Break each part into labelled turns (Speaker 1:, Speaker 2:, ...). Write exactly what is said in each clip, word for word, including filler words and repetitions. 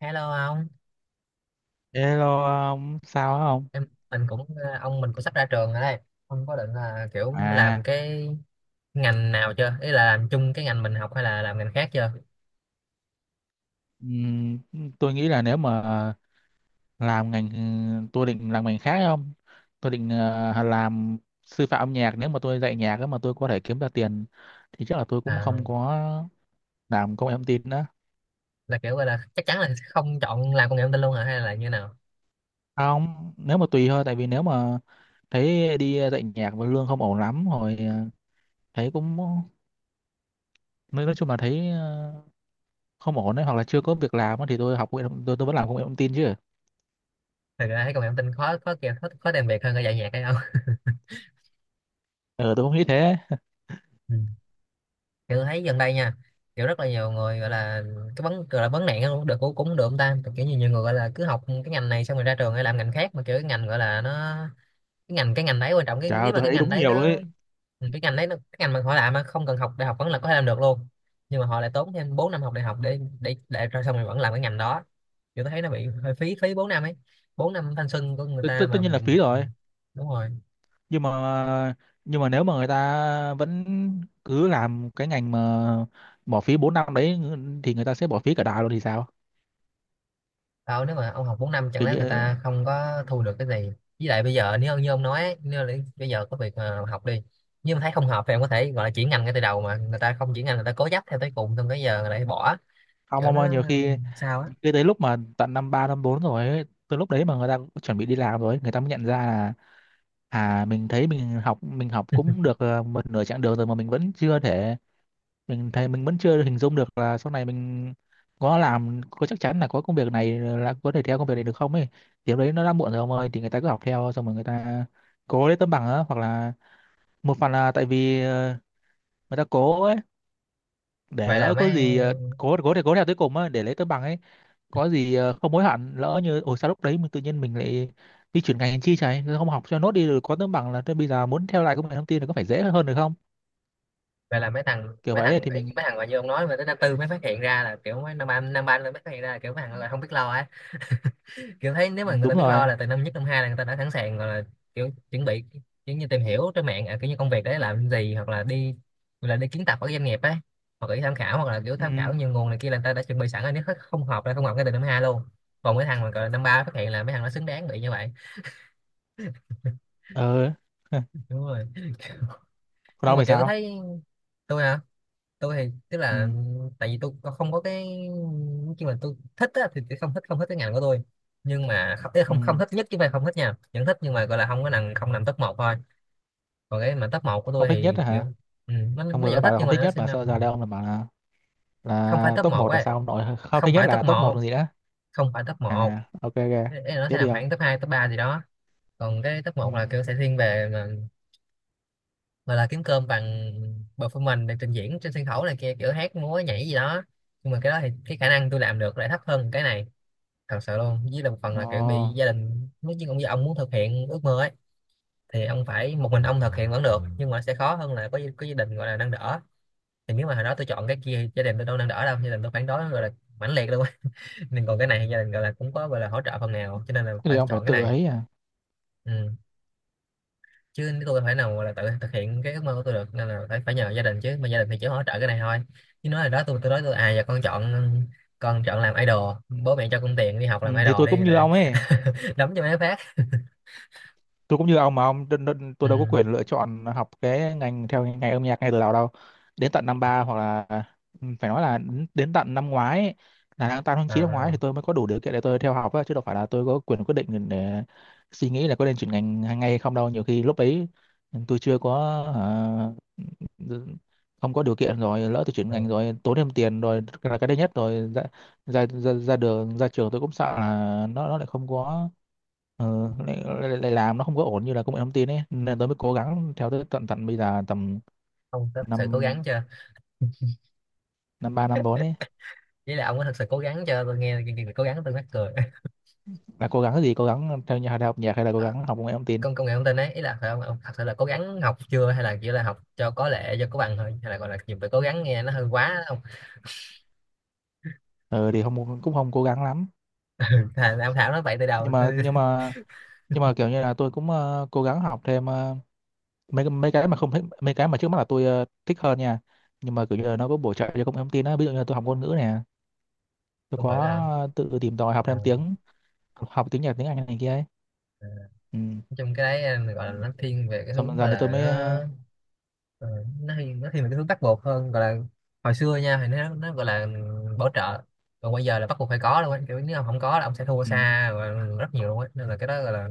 Speaker 1: Hello ông.
Speaker 2: Hello ông, sao hả ông?
Speaker 1: em mình cũng ờ, ông mình cũng sắp ra trường rồi đây. Ông có định là kiểu
Speaker 2: À,
Speaker 1: làm cái ngành nào chưa? Ý là làm chung cái ngành mình học hay là làm ngành khác chưa?
Speaker 2: ừm, tôi nghĩ là nếu mà làm ngành, tôi định làm ngành khác không? Tôi định ờ, làm sư phạm âm nhạc. Nếu mà tôi dạy nhạc á mà tôi có thể kiếm ra tiền thì chắc là tôi cũng
Speaker 1: À,
Speaker 2: không có làm công nghệ thông tin nữa.
Speaker 1: là kiểu gọi là chắc chắn là không chọn làm công nghệ thông tin luôn hả, hay là như nào?
Speaker 2: Không, nếu mà tùy thôi, tại vì nếu mà thấy đi dạy nhạc mà lương không ổn lắm rồi ờ, thấy cũng nói nói chung là thấy ờ, không ổn đấy, hoặc là chưa có việc làm á thì tôi học công nghệ thông- tôi tôi vẫn làm công nghệ thông tin chứ.
Speaker 1: Thật ra thấy công nghệ thông tin khó khó kìa, khó, khó tìm việc hơn cả dạy nhạc hay không?
Speaker 2: Ờ, tôi không nghĩ thế.
Speaker 1: Ừ. Kiểu thấy gần đây nha, kiểu rất là nhiều người gọi là cái vấn gọi là vấn nạn cũng được, cũng cũng được ông ta, kiểu như nhiều người gọi là cứ học cái ngành này xong rồi ra trường hay làm ngành khác, mà kiểu cái ngành gọi là nó, cái ngành cái ngành đấy quan trọng, cái
Speaker 2: Trời ơi,
Speaker 1: nếu mà
Speaker 2: tôi
Speaker 1: cái
Speaker 2: thấy
Speaker 1: ngành
Speaker 2: đúng
Speaker 1: đấy
Speaker 2: nhiều
Speaker 1: nó…
Speaker 2: luôn ấy.
Speaker 1: Ừ, cái ngành đấy nó, cái ngành mà họ làm mà không cần học đại học vẫn là có thể làm được luôn, nhưng mà họ lại tốn thêm bốn năm học đại học để để để rồi xong rồi vẫn làm cái ngành đó. Kiểu tôi thấy nó bị hơi phí phí bốn năm ấy, bốn năm thanh xuân của người
Speaker 2: Tất tất-
Speaker 1: ta mà.
Speaker 2: tất
Speaker 1: ừ,
Speaker 2: nhiên là phí rồi,
Speaker 1: đúng rồi.
Speaker 2: nhưng mà nhưng mà nếu mà người ta vẫn cứ làm cái ngành mà bỏ phí bốn năm đấy thì người ta sẽ bỏ phí cả đời luôn thì sao.
Speaker 1: Tao nếu mà ông học bốn năm, chẳng
Speaker 2: Kiểu
Speaker 1: lẽ người
Speaker 2: như
Speaker 1: ta không có thu được cái gì. Với lại bây giờ nếu như ông nói ấy, nếu là bây giờ có việc mà học đi, nhưng mà thấy không hợp thì em có thể gọi là chuyển ngành ngay từ đầu, mà người ta không chuyển ngành, người ta cố chấp theo tới cùng, xong cái giờ lại bỏ.
Speaker 2: không
Speaker 1: Kiểu
Speaker 2: ông
Speaker 1: nó
Speaker 2: ơi, nhiều
Speaker 1: ừ,
Speaker 2: khi
Speaker 1: sao á.
Speaker 2: cái tới lúc mà tận năm ba năm bốn rồi ấy, tới lúc đấy mà người ta chuẩn bị đi làm rồi ấy, người ta mới nhận ra là à mình thấy mình học mình học cũng được ờ, một nửa chặng đường rồi mà mình vẫn chưa thể, mình thấy mình vẫn chưa hình dung được là sau này mình có làm, có chắc chắn là có công việc này, là có thể theo công việc này được không ấy. Thì lúc đấy nó đã muộn rồi ông ơi, thì người ta cứ học theo xong rồi người ta cố lấy tấm bằng á, hoặc là một phần là tại vì ờ, người ta cố ấy, để
Speaker 1: vậy là
Speaker 2: lỡ
Speaker 1: mấy
Speaker 2: có gì ờ, cố cố để cố theo tới cùng á để lấy tấm bằng ấy, có gì ờ, không hối hận lỡ như ồ sao lúc đấy mình tự nhiên mình lại đi chuyển ngành chi, chảy không học cho nốt đi rồi có tấm bằng, là thế bây giờ muốn theo lại công nghệ thông tin thì có phải dễ hơn được không.
Speaker 1: vậy là mấy thằng,
Speaker 2: Kiểu
Speaker 1: mấy
Speaker 2: vậy ấy,
Speaker 1: thằng
Speaker 2: thì
Speaker 1: ấy,
Speaker 2: mình.
Speaker 1: mấy thằng mà như ông nói mà tới năm tư mới phát hiện ra là kiểu mấy, năm ba năm ba mới phát hiện ra là kiểu mấy thằng là không biết lo ấy. Kiểu thấy nếu
Speaker 2: Ừ,
Speaker 1: mà người ta
Speaker 2: đúng
Speaker 1: biết
Speaker 2: rồi.
Speaker 1: lo là từ năm nhất năm hai là người ta đã sẵn sàng gọi là kiểu chuẩn bị, kiểu như tìm hiểu trên mạng à, kiểu như công việc đấy làm gì, hoặc là đi hoặc là đi kiến tập ở doanh nghiệp ấy, hoặc là đi tham khảo, hoặc là kiểu
Speaker 2: Ừ.
Speaker 1: tham khảo nhiều nguồn này kia, là người ta đã chuẩn bị sẵn rồi, nếu hết không hợp là không hợp ngay từ năm hai luôn. Còn mấy thằng mà gọi là năm ba phát hiện là mấy thằng nó xứng đáng bị như vậy.
Speaker 2: Ờ.
Speaker 1: Đúng rồi.
Speaker 2: Còn
Speaker 1: Nhưng
Speaker 2: ông
Speaker 1: mà
Speaker 2: thì
Speaker 1: kiểu
Speaker 2: sao?
Speaker 1: thấy… Tôi hả? Tôi thì tức
Speaker 2: Ừ.
Speaker 1: là, tại vì tôi tôi không có cái, nhưng mà tôi thích á, thì tôi không thích, không thích cái ngành của tôi, nhưng mà không, ý là
Speaker 2: Ừ.
Speaker 1: không, không thích nhất chứ không phải không thích nha, vẫn thích, nhưng mà gọi là không có nằm, không nằm top một thôi. Còn cái mà top một của tôi
Speaker 2: Không thích nhất
Speaker 1: thì kiểu,
Speaker 2: hả?
Speaker 1: ừ, nó
Speaker 2: Ông
Speaker 1: nó
Speaker 2: vừa mới
Speaker 1: vẫn
Speaker 2: bảo
Speaker 1: thích
Speaker 2: là
Speaker 1: nhưng
Speaker 2: không
Speaker 1: mà
Speaker 2: thích
Speaker 1: nó
Speaker 2: nhất
Speaker 1: sẽ
Speaker 2: mà sao
Speaker 1: nằm…
Speaker 2: giờ đây ông lại bảo là
Speaker 1: Không phải
Speaker 2: là
Speaker 1: top
Speaker 2: top
Speaker 1: một
Speaker 2: một là
Speaker 1: ấy,
Speaker 2: sao ông nội, không
Speaker 1: không
Speaker 2: thích nhất
Speaker 1: phải top
Speaker 2: là top một
Speaker 1: một,
Speaker 2: còn gì nữa.
Speaker 1: không phải top một
Speaker 2: À, ok ok.
Speaker 1: nó sẽ
Speaker 2: Tiếp đi
Speaker 1: nằm
Speaker 2: ông.
Speaker 1: khoảng top hai top ba gì đó. Còn cái top
Speaker 2: Ừ.
Speaker 1: một là kiểu sẽ thiên về mà gọi là kiếm cơm bằng performance, để trình diễn trên sân khấu này kia, kiểu hát múa nhảy gì đó. Nhưng mà cái đó thì cái khả năng tôi làm được lại thấp hơn cái này, thật sự luôn. Với lại một phần
Speaker 2: Ồ,
Speaker 1: là kiểu bị gia đình nói chứ, ông ông muốn thực hiện ước mơ ấy thì ông phải một mình ông thực hiện vẫn được, nhưng mà sẽ khó hơn là có có gia đình gọi là nâng đỡ. Thì nếu mà hồi đó tôi chọn cái kia thì gia đình tôi đâu nâng đỡ đâu, gia đình tôi phản đối gọi là mãnh liệt luôn. Nên còn cái này thì gia đình gọi là cũng có gọi là hỗ trợ phần nào, cho nên là
Speaker 2: thế thì
Speaker 1: phải
Speaker 2: ông phải
Speaker 1: chọn cái
Speaker 2: tự
Speaker 1: này.
Speaker 2: ấy à.
Speaker 1: Ừ. Chứ nếu tôi phải nào gọi là tự thực hiện cái ước mơ của tôi được, nên là phải phải nhờ gia đình, chứ mà gia đình thì chỉ hỗ trợ cái này thôi. Chứ nói là đó, tôi tôi nói tôi à, giờ con chọn con chọn làm idol, bố mẹ cho con tiền đi học
Speaker 2: Ừ,
Speaker 1: làm
Speaker 2: thì
Speaker 1: idol
Speaker 2: tôi cũng
Speaker 1: đi
Speaker 2: như
Speaker 1: là…
Speaker 2: ông ấy.
Speaker 1: đấm cho mấy phát.
Speaker 2: Tôi cũng như ông mà ông đ- đ- tôi
Speaker 1: Ừ.
Speaker 2: đâu có quyền lựa chọn học cái ngành theo ngành âm nhạc ngay từ đầu đâu, đến tận năm ba hoặc là ừ, phải nói là đến, đến tận năm ngoái ấy, là tháng tám tháng chín năm ngoái
Speaker 1: À.
Speaker 2: thì tôi mới có đủ điều kiện để tôi theo học á, chứ đâu phải là tôi có quyền quyết định để suy nghĩ là có nên chuyển ngành ngay hay không đâu. Nhiều khi lúc ấy ừ, tôi chưa có, hả, không có điều kiện, rồi lỡ tôi chuyển
Speaker 1: Ừ,
Speaker 2: ngành rồi tốn thêm tiền rồi là cái đấy nhất, rồi ra ra ra, ra, đường ra trường tôi cũng sợ là nó nó lại không có. Ờ, lại, lại, lại làm nó không có ổn như là công nghệ thông tin ấy, nên tôi mới cố gắng theo tới tận tận bây giờ tầm
Speaker 1: ông có thật sự cố
Speaker 2: năm
Speaker 1: gắng chưa,
Speaker 2: năm ba năm bốn ấy.
Speaker 1: ý là ông có thật sự cố gắng chưa, tôi nghe chương trình cố gắng tôi mắc cười.
Speaker 2: Là cố gắng cái gì, cố gắng theo nhà đại học nhạc hay là cố
Speaker 1: Ờ,
Speaker 2: gắng học công nghệ thông tin?
Speaker 1: công công nghệ thông tin ấy, ý là phải ông, ông thật sự là cố gắng học chưa, hay là chỉ là học cho có lệ, cho có bằng thôi, hay là gọi là dùng từ cố gắng nghe nó hơi quá ông.
Speaker 2: Ờ, thì không cũng không cố gắng lắm.
Speaker 1: Thà là ông Thảo nói vậy từ đầu
Speaker 2: Nhưng mà
Speaker 1: tôi
Speaker 2: nhưng mà nhưng mà kiểu như là tôi cũng ờ, cố gắng học thêm ờ, mấy mấy cái mà không thích, mấy cái mà trước mắt là tôi ờ, thích hơn nha. Nhưng mà kiểu như là nó có bổ trợ cho công nghệ thông tin á, ví dụ như là tôi học ngôn ngữ nè, tôi
Speaker 1: không hiểu nào.
Speaker 2: có tự tìm tòi học
Speaker 1: Ờ,
Speaker 2: thêm tiếng, học tiếng Nhật tiếng Anh này kia ấy.
Speaker 1: ờ, nói
Speaker 2: Ừ.
Speaker 1: chung cái đấy ờ, gọi là nó thiên về cái
Speaker 2: Xong dần
Speaker 1: hướng gọi
Speaker 2: dần thì tôi
Speaker 1: là
Speaker 2: mới ờ,
Speaker 1: nó… Ờ, nó thì nó thì mình cái thứ bắt buộc hơn, gọi là hồi xưa nha thì nó nó gọi là bảo trợ, còn bây giờ là bắt buộc phải có luôn á, kiểu nếu ông không có là ông sẽ thua
Speaker 2: ừ.
Speaker 1: xa và rất nhiều luôn á. Nên là cái đó gọi là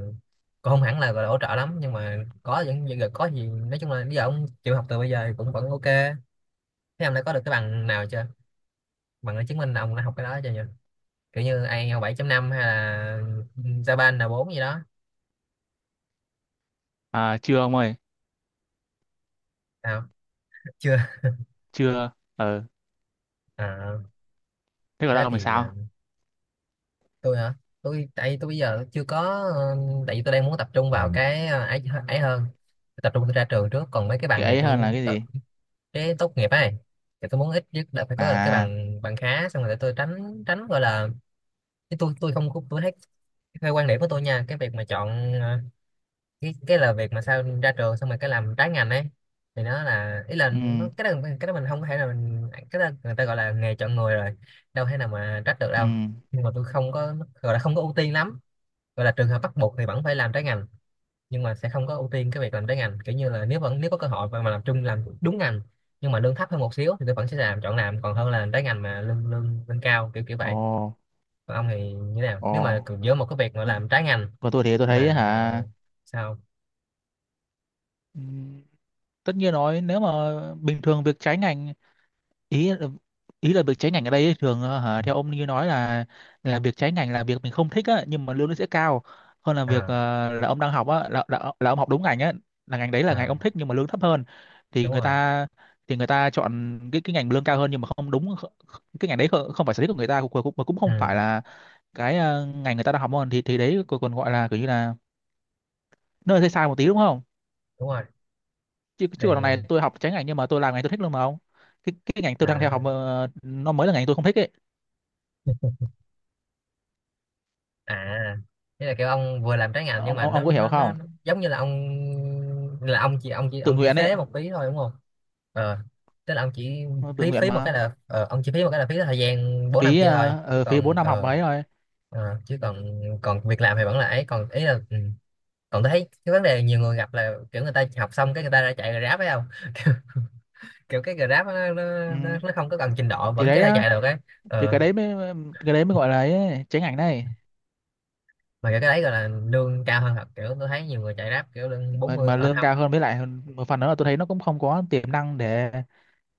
Speaker 1: cũng không hẳn là gọi là hỗ trợ lắm, nhưng mà có vẫn vẫn- có gì, nói chung là bây giờ ông chịu học từ bây giờ thì cũng vẫn ok. Thế ông đã có được cái bằng nào chưa, bằng để chứng minh là ông đã học cái đó chưa nhỉ? Kiểu như ai eo bảy chấm năm, hay là Japan là bốn gì đó?
Speaker 2: À chưa ông ơi.
Speaker 1: Sao? Chưa?
Speaker 2: Chưa. Ờ.
Speaker 1: À,
Speaker 2: Thế còn
Speaker 1: thế
Speaker 2: đâu mình
Speaker 1: thì…
Speaker 2: sao.
Speaker 1: Tôi hả? Tôi tại tôi bây giờ chưa có, ờ, tại vì tôi đang muốn tập trung vào cái ờ, ấy ấy hơn, tập trung tôi ra trường trước, còn mấy cái bằng
Speaker 2: Cái
Speaker 1: này
Speaker 2: ấy hơn là
Speaker 1: tôi
Speaker 2: cái
Speaker 1: tập…
Speaker 2: gì.
Speaker 1: Cái tốt nghiệp ấy, thì tôi muốn ít nhất là phải có cái
Speaker 2: À.
Speaker 1: bằng, bằng khá xong rồi để tôi tránh, tránh gọi là… Cái tôi tôi không có- tôi thấy, theo quan điểm của tôi nha, cái việc mà chọn ờ, cái cái là việc mà sao ra trường xong rồi cái làm trái ngành ấy, thì nó là, ý là nó,
Speaker 2: Ừ.
Speaker 1: cái đó, cái đó mình không có thể là mình, cái đó người ta gọi là nghề chọn người rồi, đâu thể nào mà trách được
Speaker 2: Ừ.
Speaker 1: đâu. Nhưng mà tôi không có gọi là không có ưu tiên lắm, gọi là trường hợp bắt buộc thì vẫn phải làm trái ngành, nhưng mà sẽ không có ưu tiên cái việc làm trái ngành. Kiểu như là nếu vẫn, nếu có cơ hội mà mà làm chung, làm đúng ngành nhưng mà lương thấp hơn một xíu, thì tôi vẫn sẽ làm, chọn làm, còn hơn là làm trái ngành mà lương lương lương cao, kiểu kiểu
Speaker 2: Ồ.
Speaker 1: vậy. Còn ông thì như thế nào
Speaker 2: Ồ.
Speaker 1: nếu mà cứ giữa một cái việc mà
Speaker 2: còn
Speaker 1: làm trái ngành
Speaker 2: còn tôi thì tôi thấy
Speaker 1: mà…
Speaker 2: hả,
Speaker 1: Sao?
Speaker 2: ừ, tất nhiên nói nếu mà bình thường việc trái ngành, ý ý là việc trái ngành ở đây ấy, thường ờ, hả, theo ông như nói là là việc trái ngành là việc mình không thích á nhưng mà lương nó sẽ cao hơn là việc ờ,
Speaker 1: À,
Speaker 2: là ông đang học á, là, là là ông học đúng ngành á, là ngành đấy là ngành
Speaker 1: à
Speaker 2: ông thích nhưng mà lương thấp hơn, thì
Speaker 1: đúng
Speaker 2: người
Speaker 1: rồi.
Speaker 2: ta, thì người ta chọn cái cái ngành lương cao hơn nhưng mà không đúng kh- kh- cái ngành đấy không, không phải sở thích của người ta, cũng cũng, cũng không
Speaker 1: Ừ,
Speaker 2: phải là cái ờ, ngành người ta đang học hơn, thì thì đấy còn còn gọi là kiểu như là nơi sai sai một tí đúng không.
Speaker 1: đúng rồi.
Speaker 2: Chứ chứ còn đằng
Speaker 1: Thì…
Speaker 2: này tôi học trái ngành nhưng mà tôi làm ngành tôi thích luôn mà ông. Cái cái ngành tôi đang theo học
Speaker 1: À,
Speaker 2: ờ, nó mới là ngành tôi không thích ấy.
Speaker 1: à, thế là kiểu ông vừa làm trái ngành nhưng
Speaker 2: ông
Speaker 1: mà
Speaker 2: ông
Speaker 1: nó
Speaker 2: ông có hiểu
Speaker 1: nó nó
Speaker 2: không.
Speaker 1: nó giống như là ông, là ông chỉ ông chỉ
Speaker 2: Tự
Speaker 1: ông chỉ
Speaker 2: nguyện ấy.
Speaker 1: phế một phí thôi đúng không? Ờ. Tức là ông chỉ
Speaker 2: Nó tự
Speaker 1: phí,
Speaker 2: nguyện
Speaker 1: phí một cái
Speaker 2: mà.
Speaker 1: là ờ, ông chỉ phí một cái là phí thời gian bốn năm
Speaker 2: phí
Speaker 1: kia thôi,
Speaker 2: ờ,
Speaker 1: chứ
Speaker 2: ờ, phí bốn
Speaker 1: còn
Speaker 2: năm học
Speaker 1: ờ,
Speaker 2: mấy rồi.
Speaker 1: ờ, chứ còn còn việc làm thì vẫn là ấy, còn ý là ừ. Còn tôi thấy cái vấn đề nhiều người gặp là kiểu người ta học xong cái người ta ra chạy Grab phải không? Kiểu cái Grab á, nó, nó,
Speaker 2: Ừ.
Speaker 1: nó nó không có cần trình độ
Speaker 2: Thì
Speaker 1: vẫn có
Speaker 2: đấy
Speaker 1: thể
Speaker 2: á,
Speaker 1: chạy được ấy.
Speaker 2: thì
Speaker 1: Ờ,
Speaker 2: cái đấy mới cái đấy mới gọi là ấy, tránh ảnh này.
Speaker 1: mà kiểu cái đấy gọi là lương cao hơn thật, kiểu tôi thấy nhiều người chạy Grab kiểu lương
Speaker 2: mà
Speaker 1: bốn mươi
Speaker 2: mà
Speaker 1: ở
Speaker 2: lương
Speaker 1: không.
Speaker 2: cao hơn, với lại một phần nữa là tôi thấy nó cũng không có tiềm năng để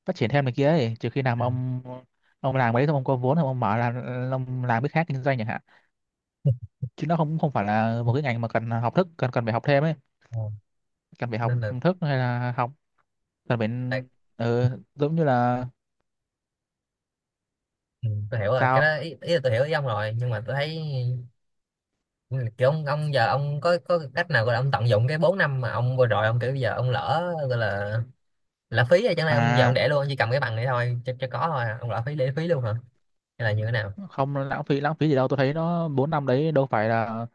Speaker 2: phát triển thêm này kia ấy, trừ khi nào
Speaker 1: Ừ.
Speaker 2: mà ông ông làm đấy xong ông có vốn xong ông mở là ông làm cái khác kinh doanh chẳng hạn. Chứ nó không không phải là một cái ngành mà cần học thức, cần cần phải học thêm ấy,
Speaker 1: Ờ,
Speaker 2: cần phải học
Speaker 1: nên là
Speaker 2: thức hay là học, cần phải
Speaker 1: tại,
Speaker 2: ờ, giống như là.
Speaker 1: ừ, tôi hiểu rồi cái
Speaker 2: Sao.
Speaker 1: đó, ý, ý là tôi hiểu ý ông rồi, nhưng mà tôi thấy, ừ, kiểu ông, ông giờ ông có có cách nào gọi là ông tận dụng cái bốn năm mà ông vừa rồi ông, kiểu bây giờ ông lỡ gọi là lãng phí rồi, chẳng lẽ ông giờ ông
Speaker 2: À,
Speaker 1: để luôn, ông chỉ cầm cái bằng này thôi cho, cho có thôi à? Ông lãng phí để phí luôn hả, hay là như thế nào?
Speaker 2: không lãng phí lãng phí gì đâu, tôi thấy nó bốn năm đấy đâu phải là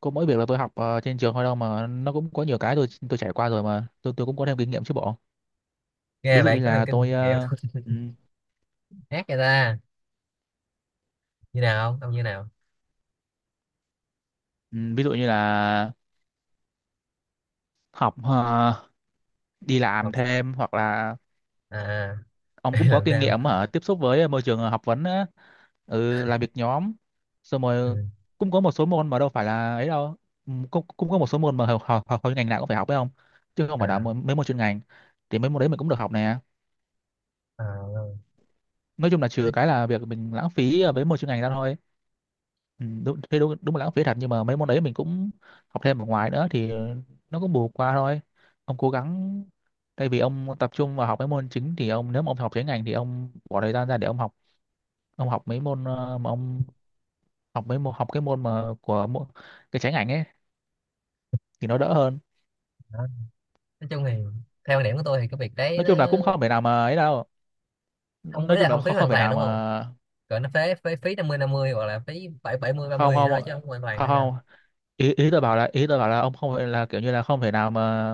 Speaker 2: có mỗi việc là tôi học ờ, trên trường thôi đâu, mà nó cũng có nhiều cái tôi tôi trải qua rồi, mà tôi tôi cũng có thêm kinh nghiệm chứ bộ.
Speaker 1: Nghe
Speaker 2: Ví dụ
Speaker 1: vậy
Speaker 2: như
Speaker 1: có thêm
Speaker 2: là
Speaker 1: kinh
Speaker 2: tôi
Speaker 1: nghiệm.
Speaker 2: ờ, ừ,
Speaker 1: Khác vậy ta, như nào không ông, như nào?
Speaker 2: ừ, ví dụ như là học ờ, đi làm
Speaker 1: Học
Speaker 2: thêm hoặc là
Speaker 1: à?
Speaker 2: ông
Speaker 1: Đi
Speaker 2: cũng có
Speaker 1: làm
Speaker 2: kinh
Speaker 1: thêm.
Speaker 2: nghiệm ở tiếp xúc với môi trường ờ, học vấn á, ừ, làm việc nhóm, xong
Speaker 1: Ừ.
Speaker 2: rồi cũng có một số môn mà đâu phải là ấy đâu. Ừ, cũng cũng có một số môn mà học học, học, học ngành nào cũng phải học phải không, chứ không phải là
Speaker 1: À,
Speaker 2: mấy mấy môn chuyên ngành. Thì mấy môn đấy mình cũng được học nè.
Speaker 1: à,
Speaker 2: Nói chung là trừ
Speaker 1: nói,
Speaker 2: cái là việc mình lãng phí ờ, với một chuyên ngành ra thôi. Ừ, đúng, thế đúng, đúng là lãng phí thật, nhưng mà mấy môn đấy mình cũng học thêm ở ngoài nữa thì ờ, nó cũng bù qua thôi. Ông cố gắng thay vì ông tập trung vào học mấy môn chính, thì ông, nếu mà ông học chuyên ngành thì ông bỏ thời gian ra để ông học ông học mấy môn ờ, mà ông học mấy môn, học cái môn mà của môn, cái trái ngành ấy, thì nó đỡ hơn.
Speaker 1: nói chung thì theo quan điểm của tôi thì cái việc đấy
Speaker 2: Nói
Speaker 1: nó
Speaker 2: chung là cũng không phải nào mà ấy đâu,
Speaker 1: không có
Speaker 2: nói chung
Speaker 1: là
Speaker 2: là
Speaker 1: không phí
Speaker 2: không không
Speaker 1: hoàn
Speaker 2: phải
Speaker 1: toàn
Speaker 2: nào
Speaker 1: đúng
Speaker 2: mà.
Speaker 1: không? Còn nó phế, phế phí năm mươi năm mươi, hoặc là phí bảy, bảy mươi ba
Speaker 2: Không,
Speaker 1: mươi gì đó
Speaker 2: không,
Speaker 1: thôi chứ không hoàn toàn
Speaker 2: không,
Speaker 1: hay sao?
Speaker 2: không, ý, ý tôi bảo là ý tôi bảo là ông không phải là kiểu như là không thể nào mà,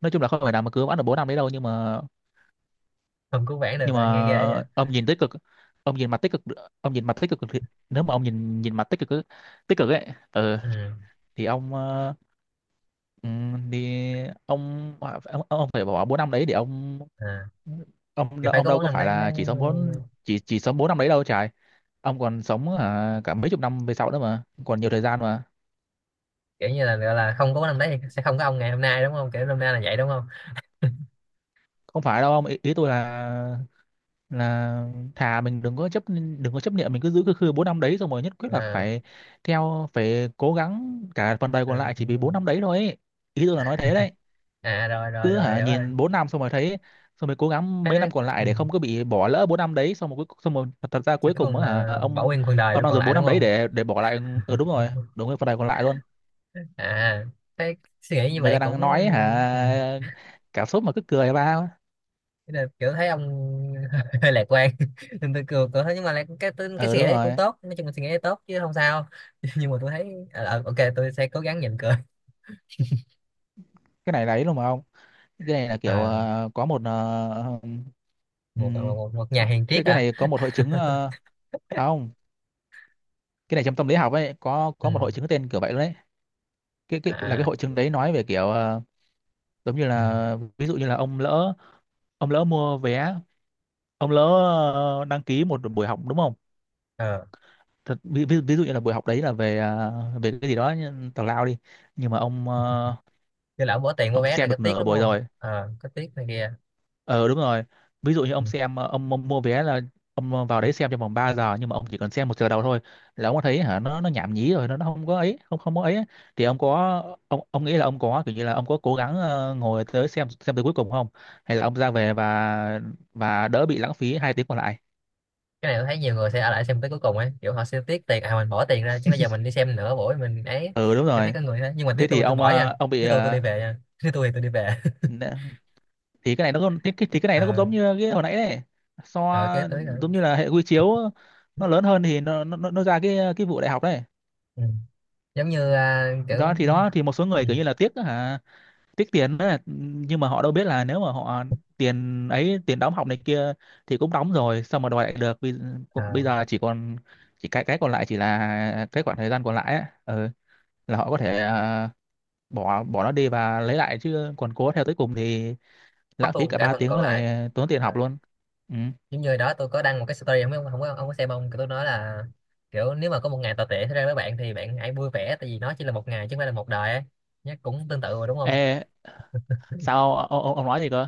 Speaker 2: nói chung là không thể nào mà cứ bán được bốn năm đấy đâu, nhưng mà,
Speaker 1: Không cứu vãn được
Speaker 2: nhưng
Speaker 1: à, nghe ghê vậy.
Speaker 2: mà ông nhìn tích cực, ông nhìn mặt tích cực, ông nhìn mặt tích cực thì, nếu mà ông nhìn nhìn mặt tích cực ấy, tích cực ấy ừ,
Speaker 1: Ừ.
Speaker 2: thì ông ờ, ừm, thì ông ông, ông phải bỏ bốn năm đấy để ông,
Speaker 1: À.
Speaker 2: ông
Speaker 1: Kiểu phải
Speaker 2: ông
Speaker 1: có
Speaker 2: đâu
Speaker 1: vốn
Speaker 2: có
Speaker 1: năm
Speaker 2: phải
Speaker 1: đấy mới,
Speaker 2: là chỉ sống bốn chỉ chỉ sống bốn năm đấy đâu trời. Ông còn sống hả, cả mấy chục năm về sau nữa mà, còn nhiều thời gian mà.
Speaker 1: kiểu như là gọi là không có vốn năm đấy thì sẽ không có ông ngày hôm nay đúng không? Kiểu năm nay là vậy đúng không?
Speaker 2: Không phải đâu ông, ý, ý tôi là là thà mình đừng có chấp, đừng có chấp niệm mình cứ giữ cái khư bốn năm đấy xong rồi nhất quyết là
Speaker 1: À,
Speaker 2: phải theo, phải cố gắng cả phần đời còn lại chỉ vì bốn
Speaker 1: ừ,
Speaker 2: năm đấy thôi ấy. Ý tôi là nói thế đấy.
Speaker 1: à rồi rồi
Speaker 2: Cứ
Speaker 1: rồi
Speaker 2: hả
Speaker 1: hiểu rồi.
Speaker 2: nhìn bốn năm xong rồi thấy, xong rồi cố gắng
Speaker 1: Thế nó…
Speaker 2: mấy năm còn lại
Speaker 1: ừ.
Speaker 2: để không có bị bỏ lỡ bốn năm đấy, xong rồi cuối- xong rồi thật thật ra
Speaker 1: Thế
Speaker 2: cuối
Speaker 1: cuối
Speaker 2: cùng
Speaker 1: cùng
Speaker 2: á hả
Speaker 1: là bảo
Speaker 2: ông
Speaker 1: nguyên phần đời
Speaker 2: ông
Speaker 1: luôn
Speaker 2: đang
Speaker 1: còn
Speaker 2: dùng
Speaker 1: lại
Speaker 2: bốn
Speaker 1: đúng
Speaker 2: năm đấy
Speaker 1: không?
Speaker 2: để để bỏ lại. Ừ đúng rồi. Đúng rồi, phần đời còn lại luôn.
Speaker 1: À, thế suy nghĩ như
Speaker 2: Người
Speaker 1: vậy
Speaker 2: ta
Speaker 1: cũng…
Speaker 2: đang nói hả,
Speaker 1: Ừ.
Speaker 2: cảm xúc mà cứ cười ba.
Speaker 1: Thế là kiểu thấy ông hơi lạc quan, nên tôi cười, tôi thấy nhưng mà lại cái cái, cái
Speaker 2: Ừ
Speaker 1: suy nghĩ
Speaker 2: đúng
Speaker 1: đấy cũng
Speaker 2: rồi.
Speaker 1: tốt, nói chung là suy nghĩ đấy tốt chứ không sao. Nhưng mà tôi thấy ờ, ờ, ok, tôi sẽ cố gắng nhịn cười.
Speaker 2: Cái này đấy luôn mà ông. Cái này là kiểu
Speaker 1: À,
Speaker 2: ờ, có một ờ,
Speaker 1: một,
Speaker 2: ừm,
Speaker 1: một một một nhà hàng
Speaker 2: cái
Speaker 1: triết
Speaker 2: cái
Speaker 1: hả?
Speaker 2: này có một hội chứng ờ, à không, cái này trong tâm lý học ấy có có một
Speaker 1: Ừ.
Speaker 2: hội chứng tên kiểu vậy luôn đấy. Cái cái là cái
Speaker 1: À.
Speaker 2: hội chứng đấy nói về kiểu ờ, giống như
Speaker 1: Ừ.
Speaker 2: là ví dụ như là ông lỡ ông lỡ mua vé, ông lỡ ờ, đăng ký một buổi học đúng không.
Speaker 1: Ờ.
Speaker 2: Thật, ví, ví, ví dụ như là buổi học đấy là về ờ, về cái gì đó như tào lao đi, nhưng mà ông ờ,
Speaker 1: Cái lão bỏ tiền mua
Speaker 2: ông
Speaker 1: vé này
Speaker 2: xem
Speaker 1: có
Speaker 2: được
Speaker 1: tiếc
Speaker 2: nửa
Speaker 1: đúng
Speaker 2: buổi
Speaker 1: không,
Speaker 2: rồi.
Speaker 1: ờ có tiếc này kia.
Speaker 2: Ờ đúng rồi. Ví dụ như
Speaker 1: Ừ.
Speaker 2: ông xem ờ, ông, ông mua vé là ông ờ, vào đấy xem trong vòng ba giờ, nhưng mà ông chỉ cần xem một giờ đầu thôi là ông có thấy hả nó nó nhảm nhí rồi, nó nó không có ấy, không không có ấy á. Thì ông có, ông ông nghĩ là ông có kiểu như là ông có cố gắng ờ, ngồi tới xem xem tới cuối cùng không? Hay là ông ra về và và đỡ bị lãng phí hai tiếng còn lại.
Speaker 1: Cái này tôi thấy nhiều người sẽ ở lại xem tới cuối cùng ấy, kiểu họ sẽ tiếc tiền, à mình bỏ tiền ra chứ, bây giờ mình đi xem nữa buổi mình ấy.
Speaker 2: Ừ đúng
Speaker 1: Tôi thấy
Speaker 2: rồi.
Speaker 1: có người thế, nhưng mà
Speaker 2: Thế
Speaker 1: nếu
Speaker 2: thì
Speaker 1: tôi, tôi
Speaker 2: ông
Speaker 1: bỏ nha,
Speaker 2: ờ, ông bị
Speaker 1: nếu tôi tôi
Speaker 2: ờ,
Speaker 1: đi về nha, nếu tôi thì tôi đi về.
Speaker 2: nè, thì cái này nó cũng, thì cái, thì cái này nó cũng
Speaker 1: Ờ,
Speaker 2: giống như cái hồi nãy đấy. So
Speaker 1: rồi kế tới rồi.
Speaker 2: giống như là hệ quy chiếu nó lớn hơn thì nó nó nó nó ra cái cái vụ đại học đấy.
Speaker 1: Ừ. Giống như à, kiểu…
Speaker 2: đó thì đó thì một số người
Speaker 1: Ừ.
Speaker 2: kiểu như là tiếc á hả, tiếc tiền đó, nhưng mà họ đâu biết là nếu mà họ tiền ấy, tiền đóng học này kia thì cũng đóng rồi sao mà đòi lại được. Bây, bây
Speaker 1: À,
Speaker 2: giờ chỉ còn, chỉ cái cái còn lại chỉ là cái khoảng thời gian còn lại á ừ, là họ có thể ờ, bỏ bỏ nó đi và lấy lại, chứ còn cố theo tới cùng thì lãng
Speaker 1: mất
Speaker 2: phí
Speaker 1: luôn
Speaker 2: cả
Speaker 1: cả
Speaker 2: ba
Speaker 1: phần
Speaker 2: tiếng
Speaker 1: còn
Speaker 2: với
Speaker 1: lại.
Speaker 2: lại tốn tiền
Speaker 1: À,
Speaker 2: học luôn. Ừ.
Speaker 1: giống như đó tôi có đăng một cái story, không biết ông, không có ông có xem không. Kiểu tôi nói là kiểu nếu mà có một ngày tồi tệ xảy ra với bạn thì bạn hãy vui vẻ, tại vì nó chỉ là một ngày chứ không phải là một đời ấy. Nhá, cũng tương tự mà đúng không?
Speaker 2: Ê, sao ông, ông, ông nói gì cơ.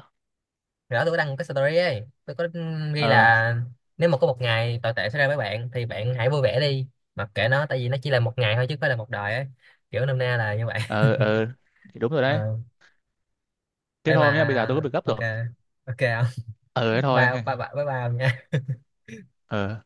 Speaker 1: Rồi đó tôi có đăng một cái story ấy, tôi có ghi
Speaker 2: ờ
Speaker 1: là nếu mà có một ngày tồi tệ xảy ra với bạn thì bạn hãy vui vẻ đi, mặc kệ nó, tại vì nó chỉ là một ngày thôi chứ không phải là một đời ấy, kiểu nôm na là như vậy.
Speaker 2: ờ ờ thì đúng rồi đấy.
Speaker 1: Ờ. Ê
Speaker 2: Thế
Speaker 1: mà,
Speaker 2: thôi nhá, bây giờ tôi có việc gấp
Speaker 1: ok,
Speaker 2: rồi.
Speaker 1: ok không.
Speaker 2: Ờ thế
Speaker 1: Ba
Speaker 2: thôi.
Speaker 1: ba ba ba ba.
Speaker 2: Ờ.